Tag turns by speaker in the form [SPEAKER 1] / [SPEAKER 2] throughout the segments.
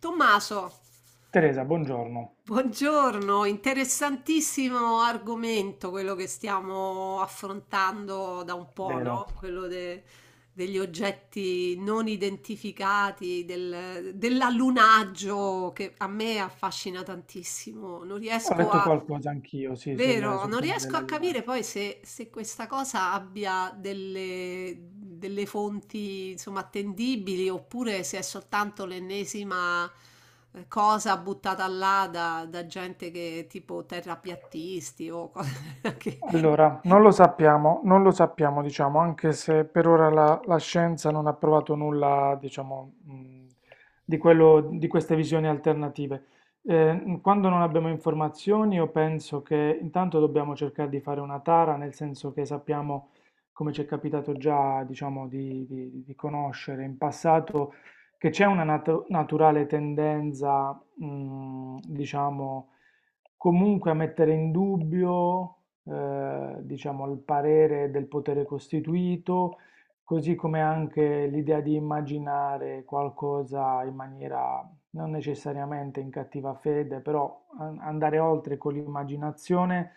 [SPEAKER 1] Tommaso,
[SPEAKER 2] Teresa, buongiorno.
[SPEAKER 1] buongiorno, interessantissimo argomento quello che stiamo affrontando da un po',
[SPEAKER 2] Vero.
[SPEAKER 1] no? Degli oggetti non identificati, dell'allunaggio che a me affascina tantissimo. Non
[SPEAKER 2] Ho
[SPEAKER 1] riesco
[SPEAKER 2] letto
[SPEAKER 1] a,
[SPEAKER 2] qualcosa anch'io, sì, sul,
[SPEAKER 1] Vero,
[SPEAKER 2] sul
[SPEAKER 1] non
[SPEAKER 2] tema
[SPEAKER 1] riesco
[SPEAKER 2] della
[SPEAKER 1] a
[SPEAKER 2] luna.
[SPEAKER 1] capire poi se, se questa cosa abbia delle, delle fonti, insomma, attendibili oppure se è soltanto l'ennesima cosa buttata là da, da gente che tipo terrapiattisti o cose che...
[SPEAKER 2] Allora, non lo sappiamo, non lo sappiamo, diciamo, anche se per ora la scienza non ha provato nulla, diciamo, di quello, di queste visioni alternative. Quando non abbiamo informazioni, io penso che intanto dobbiamo cercare di fare una tara, nel senso che sappiamo, come ci è capitato già, diciamo, di conoscere in passato, che c'è una naturale tendenza, diciamo, comunque a mettere in dubbio diciamo, al parere del potere costituito, così come anche l'idea di immaginare qualcosa in maniera non necessariamente in cattiva fede, però andare oltre con l'immaginazione,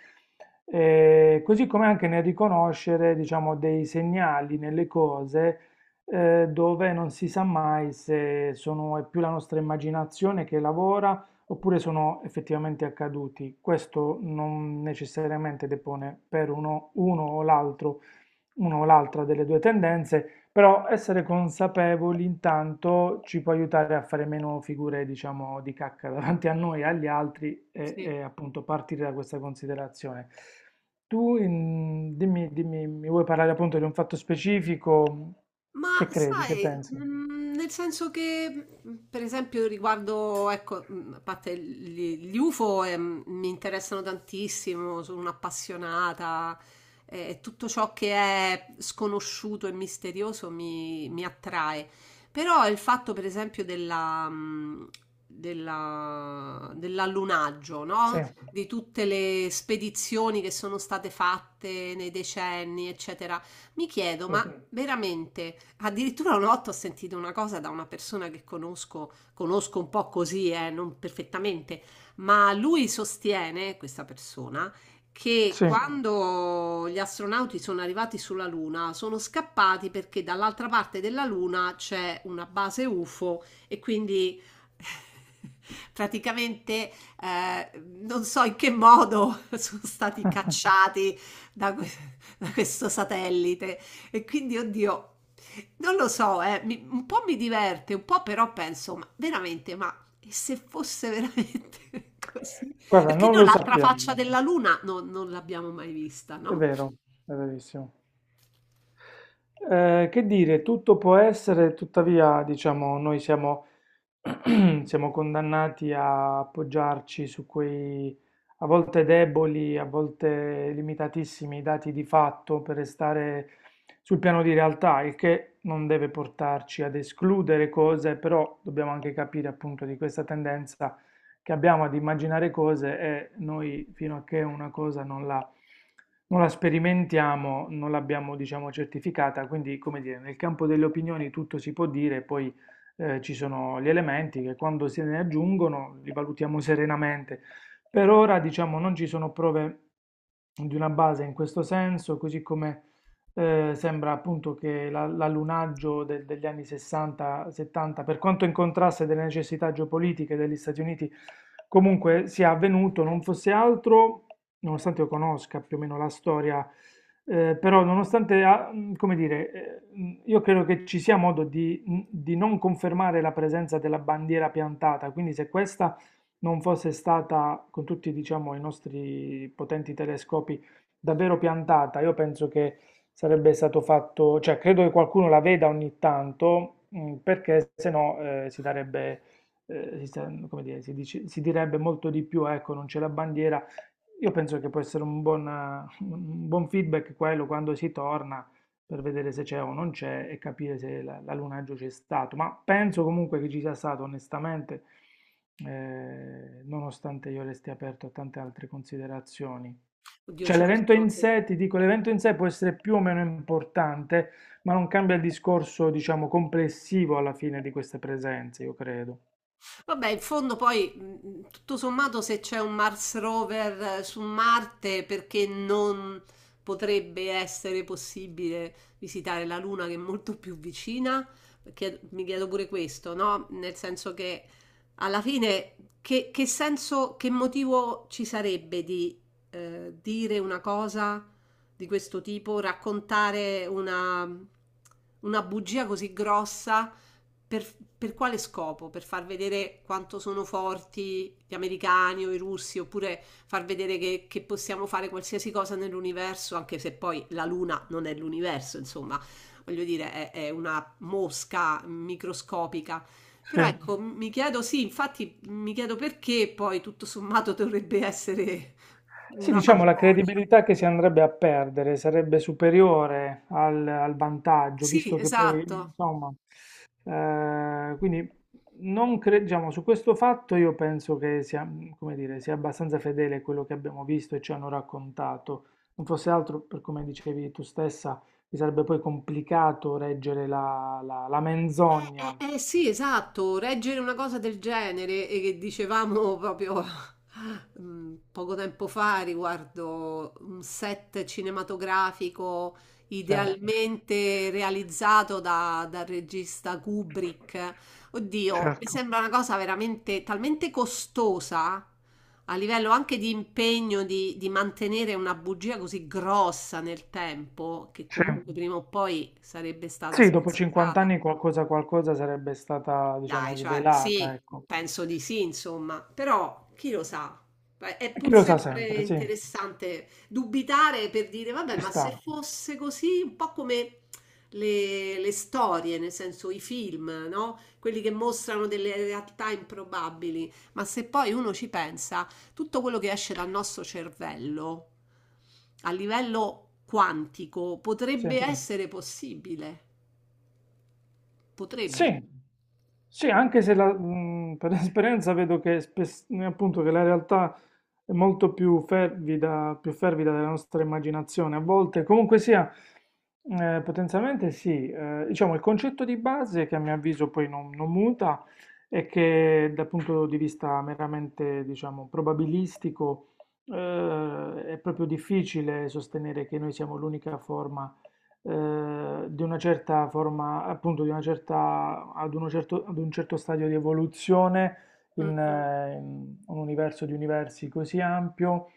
[SPEAKER 2] così come anche nel riconoscere, diciamo, dei segnali nelle cose, dove non si sa mai se sono, è più la nostra immaginazione che lavora oppure sono effettivamente accaduti. Questo non necessariamente depone per uno, uno o l'altro, uno o l'altra delle due tendenze, però essere consapevoli intanto ci può aiutare a fare meno figure, diciamo, di cacca davanti a noi e agli altri
[SPEAKER 1] Sì.
[SPEAKER 2] e appunto partire da questa considerazione. Dimmi, dimmi, mi vuoi parlare appunto di un fatto specifico?
[SPEAKER 1] Ma
[SPEAKER 2] Che credi, che
[SPEAKER 1] sai,
[SPEAKER 2] pensi?
[SPEAKER 1] nel senso che, per esempio riguardo ecco, a parte gli UFO, mi interessano tantissimo, sono un'appassionata e tutto ciò che è sconosciuto e misterioso mi attrae. Però il fatto per esempio della, dell'allunaggio,
[SPEAKER 2] Sì,
[SPEAKER 1] no, di tutte le spedizioni che sono state fatte nei decenni, eccetera mi chiedo, ma
[SPEAKER 2] sì,
[SPEAKER 1] sì, veramente, addirittura una volta ho sentito una cosa da una persona che conosco, conosco un po' così, non perfettamente, ma lui sostiene, questa persona, che sì,
[SPEAKER 2] sì.
[SPEAKER 1] quando gli astronauti sono arrivati sulla Luna sono scappati perché dall'altra parte della Luna c'è una base UFO e quindi praticamente, non so in che modo sono stati cacciati da que da questo satellite e quindi oddio, non lo so, mi un po' mi diverte, un po' però penso: "Ma veramente, ma e se fosse veramente così?"
[SPEAKER 2] Guarda,
[SPEAKER 1] Perché
[SPEAKER 2] non
[SPEAKER 1] noi
[SPEAKER 2] lo
[SPEAKER 1] l'altra faccia
[SPEAKER 2] sappiamo.
[SPEAKER 1] della luna non l'abbiamo mai vista,
[SPEAKER 2] È
[SPEAKER 1] no?
[SPEAKER 2] vero, è verissimo. Che dire, tutto può essere, tuttavia, diciamo, noi siamo, siamo condannati a appoggiarci su quei a volte deboli, a volte limitatissimi dati di fatto per restare sul piano di realtà, il che non deve portarci ad escludere cose, però dobbiamo anche capire appunto di questa tendenza che abbiamo ad immaginare cose e noi fino a che una cosa non la sperimentiamo, non l'abbiamo, diciamo, certificata. Quindi, come dire, nel campo delle opinioni tutto si può dire, poi ci sono gli elementi che quando se ne aggiungono li valutiamo serenamente. Per ora, diciamo, non ci sono prove di una base in questo senso, così come sembra appunto che l'allunaggio degli anni 60-70, per quanto in contrasto delle necessità geopolitiche degli Stati Uniti, comunque sia avvenuto, non fosse altro, nonostante io conosca più o meno la storia, però nonostante, come dire, io credo che ci sia modo di non confermare la presenza della bandiera piantata, quindi se questa non fosse stata, con tutti, diciamo, i nostri potenti telescopi, davvero piantata. Io penso che sarebbe stato fatto, cioè credo che qualcuno la veda ogni tanto, perché se no si darebbe, si, sta- come dire, si dice- si direbbe molto di più, ecco, non c'è la bandiera. Io penso che può essere un buon feedback quello quando si torna per vedere se c'è o non c'è e capire se l'allunaggio c'è stato. Ma penso comunque che ci sia stato, onestamente, nonostante io resti aperto a tante altre considerazioni.
[SPEAKER 1] Oddio
[SPEAKER 2] Cioè
[SPEAKER 1] certo,
[SPEAKER 2] l'evento in
[SPEAKER 1] se
[SPEAKER 2] sé, ti dico, l'evento in sé può essere più o meno importante, ma non cambia il discorso, diciamo, complessivo alla fine di queste presenze, io credo.
[SPEAKER 1] vabbè, in fondo poi, tutto sommato, se c'è un Mars rover su Marte, perché non potrebbe essere possibile visitare la Luna che è molto più vicina? Mi chiedo pure questo, no? Nel senso che alla fine, che senso, che motivo ci sarebbe di dire una cosa di questo tipo, raccontare una bugia così grossa? Per quale scopo? Per far vedere quanto sono forti gli americani o i russi, oppure far vedere che possiamo fare qualsiasi cosa nell'universo, anche se poi la Luna non è l'universo, insomma, voglio dire, è una mosca microscopica.
[SPEAKER 2] Sì,
[SPEAKER 1] Però ecco, mi chiedo, sì, infatti mi chiedo perché poi tutto sommato dovrebbe essere
[SPEAKER 2] sì,
[SPEAKER 1] una
[SPEAKER 2] diciamo, la
[SPEAKER 1] fandonia.
[SPEAKER 2] credibilità che si andrebbe a perdere sarebbe superiore al, al vantaggio,
[SPEAKER 1] Sì,
[SPEAKER 2] visto che poi,
[SPEAKER 1] esatto.
[SPEAKER 2] insomma, eh, quindi non cre- diciamo, su questo fatto io penso che sia, come dire, sia abbastanza fedele a quello che abbiamo visto e ci hanno raccontato. Non fosse altro, per come dicevi tu stessa, mi sarebbe poi complicato reggere la, la menzogna.
[SPEAKER 1] Sì, esatto, reggere una cosa del genere e che dicevamo proprio mm, poco tempo fa riguardo un set cinematografico
[SPEAKER 2] Sì,
[SPEAKER 1] idealmente realizzato dal regista Kubrick. Oddio, mi
[SPEAKER 2] certo,
[SPEAKER 1] sembra una cosa veramente talmente costosa a livello anche di impegno di mantenere una bugia così grossa nel tempo che
[SPEAKER 2] sì,
[SPEAKER 1] comunque prima o poi sarebbe stata
[SPEAKER 2] sì, dopo 50
[SPEAKER 1] smascherata.
[SPEAKER 2] anni qualcosa, qualcosa sarebbe stata,
[SPEAKER 1] Dai,
[SPEAKER 2] diciamo,
[SPEAKER 1] cioè
[SPEAKER 2] svelata,
[SPEAKER 1] sì,
[SPEAKER 2] ecco.
[SPEAKER 1] penso di sì, insomma, però chi lo sa? Beh, è
[SPEAKER 2] E chi
[SPEAKER 1] pur
[SPEAKER 2] lo sa
[SPEAKER 1] sempre
[SPEAKER 2] sempre, sì,
[SPEAKER 1] interessante dubitare per dire, vabbè,
[SPEAKER 2] ci
[SPEAKER 1] ma
[SPEAKER 2] sta,
[SPEAKER 1] se fosse così, un po' come le storie, nel senso i film, no? Quelli che mostrano delle realtà improbabili, ma se poi uno ci pensa, tutto quello che esce dal nostro cervello a livello quantico
[SPEAKER 2] sì.
[SPEAKER 1] potrebbe sì, essere possibile, potrebbe.
[SPEAKER 2] Sì, sì, anche se per esperienza vedo che, appunto, che la realtà è molto più fervida della nostra immaginazione. A volte, comunque sia, potenzialmente sì. Diciamo, il concetto di base, che a mio avviso poi non, non muta, è che dal punto di vista meramente, diciamo, probabilistico, è proprio difficile sostenere che noi siamo l'unica forma di una certa forma, appunto, di una certa, ad un certo stadio di evoluzione
[SPEAKER 1] Mm,
[SPEAKER 2] in,
[SPEAKER 1] mm.
[SPEAKER 2] in un universo di universi così ampio.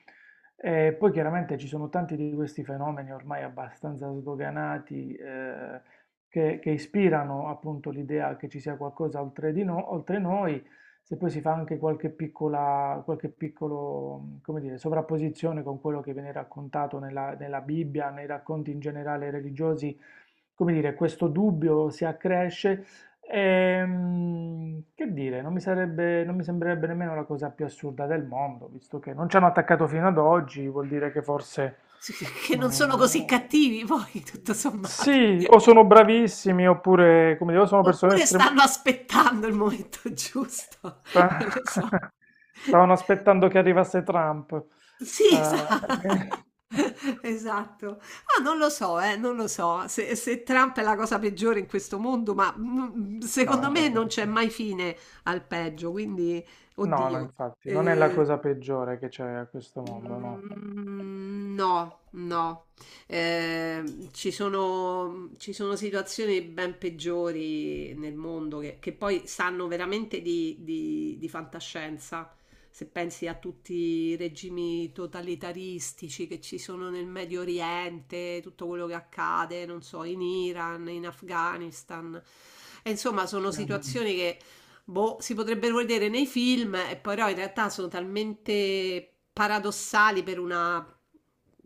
[SPEAKER 2] E poi chiaramente ci sono tanti di questi fenomeni ormai abbastanza sdoganati che ispirano appunto l'idea che ci sia qualcosa oltre di no- oltre noi. Se poi si fa anche qualche piccola, qualche piccolo, come dire, sovrapposizione con quello che viene raccontato nella, nella Bibbia, nei racconti in generale religiosi, come dire, questo dubbio si accresce. Che dire, non mi sarebbe, non mi sembrerebbe nemmeno la cosa più assurda del mondo, visto che non ci hanno attaccato fino ad oggi, vuol dire che forse...
[SPEAKER 1] S Che non sono così
[SPEAKER 2] mm,
[SPEAKER 1] cattivi poi, tutto sommato.
[SPEAKER 2] sì, o sono bravissimi, oppure, come dire, o sono persone
[SPEAKER 1] Oppure
[SPEAKER 2] estrem-
[SPEAKER 1] stanno aspettando il momento giusto, non
[SPEAKER 2] Sta-
[SPEAKER 1] lo so.
[SPEAKER 2] Stavano aspettando che arrivasse Trump.
[SPEAKER 1] Sì,
[SPEAKER 2] Eh,
[SPEAKER 1] esa
[SPEAKER 2] beh,
[SPEAKER 1] esatto. Ah, non lo so, non lo so se Trump è la cosa peggiore in questo mondo, ma,
[SPEAKER 2] no,
[SPEAKER 1] secondo me non
[SPEAKER 2] certo.
[SPEAKER 1] c'è mai fine al peggio, quindi
[SPEAKER 2] No, no,
[SPEAKER 1] oddio.
[SPEAKER 2] infatti, non è la
[SPEAKER 1] Ehm
[SPEAKER 2] cosa peggiore che c'è a questo mondo, no.
[SPEAKER 1] Mhmm, no, no. Ci sono situazioni ben peggiori nel mondo che poi sanno veramente di fantascienza. Se pensi a tutti i regimi totalitaristici che ci sono nel Medio Oriente, tutto quello che accade, non so, in Iran, in Afghanistan. E insomma, sono mh,
[SPEAKER 2] Sì.
[SPEAKER 1] situazioni che boh, si potrebbero vedere nei film e però in realtà sono talmente paradossali per una,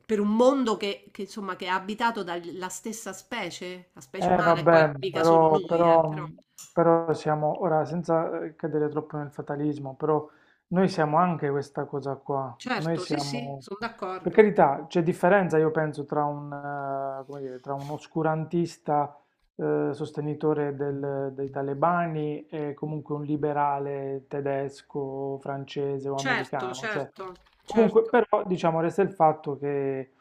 [SPEAKER 1] per un mondo che, insomma che è abitato dalla stessa specie, la specie umana, e poi
[SPEAKER 2] Vabbè,
[SPEAKER 1] mica solo
[SPEAKER 2] però,
[SPEAKER 1] noi,
[SPEAKER 2] però,
[SPEAKER 1] però.
[SPEAKER 2] però siamo, ora, senza cadere troppo nel fatalismo, però noi siamo anche questa cosa qua. Noi
[SPEAKER 1] Certo, sì, sì,
[SPEAKER 2] siamo,
[SPEAKER 1] sono
[SPEAKER 2] per
[SPEAKER 1] d'accordo.
[SPEAKER 2] carità, c'è differenza, io penso, tra un, come dire, tra un oscurantista sostenitore dei talebani e comunque un liberale tedesco, francese o
[SPEAKER 1] Certo,
[SPEAKER 2] americano. Cioè,
[SPEAKER 1] certo,
[SPEAKER 2] comunque,
[SPEAKER 1] certo.
[SPEAKER 2] però, diciamo, resta il fatto che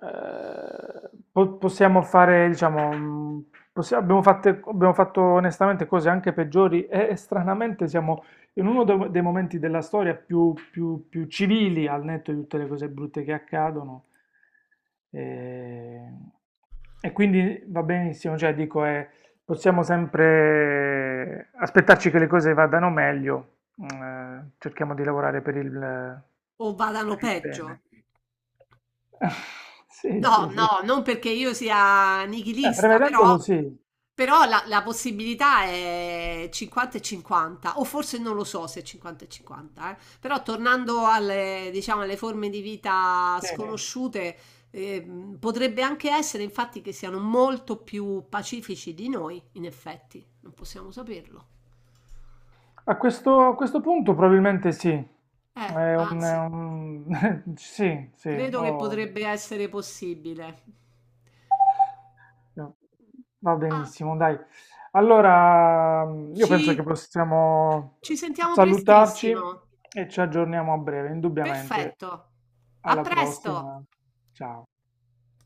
[SPEAKER 2] possiamo fare, diciamo, abbiamo abbiamo fatto onestamente cose anche peggiori e stranamente siamo in dei momenti della storia più, più civili, al netto di tutte le cose brutte che accadono. E, e quindi va benissimo, cioè dico, possiamo sempre aspettarci che le cose vadano meglio, cerchiamo di lavorare
[SPEAKER 1] O vadano
[SPEAKER 2] per il
[SPEAKER 1] peggio.
[SPEAKER 2] bene. Sì,
[SPEAKER 1] No,
[SPEAKER 2] sì, sì.
[SPEAKER 1] no, non perché io sia
[SPEAKER 2] Beh,
[SPEAKER 1] nichilista, però,
[SPEAKER 2] prevedendolo sì.
[SPEAKER 1] però la, la possibilità è 50 e 50, o forse non lo so se è 50 e 50, eh. Però tornando alle, diciamo, alle forme di vita
[SPEAKER 2] Sì.
[SPEAKER 1] sconosciute, potrebbe anche essere infatti che siano molto più pacifici di noi, in effetti, non possiamo saperlo.
[SPEAKER 2] A questo punto probabilmente sì.
[SPEAKER 1] Anzi,
[SPEAKER 2] Sì, sì.
[SPEAKER 1] credo che
[SPEAKER 2] ho-
[SPEAKER 1] potrebbe essere possibile.
[SPEAKER 2] No. Va
[SPEAKER 1] Ah,
[SPEAKER 2] benissimo, dai. Allora, io penso che
[SPEAKER 1] ci,
[SPEAKER 2] possiamo
[SPEAKER 1] ci sentiamo
[SPEAKER 2] salutarci
[SPEAKER 1] prestissimo.
[SPEAKER 2] e ci aggiorniamo a breve, indubbiamente.
[SPEAKER 1] Perfetto. A
[SPEAKER 2] Alla
[SPEAKER 1] presto.
[SPEAKER 2] prossima. Ciao.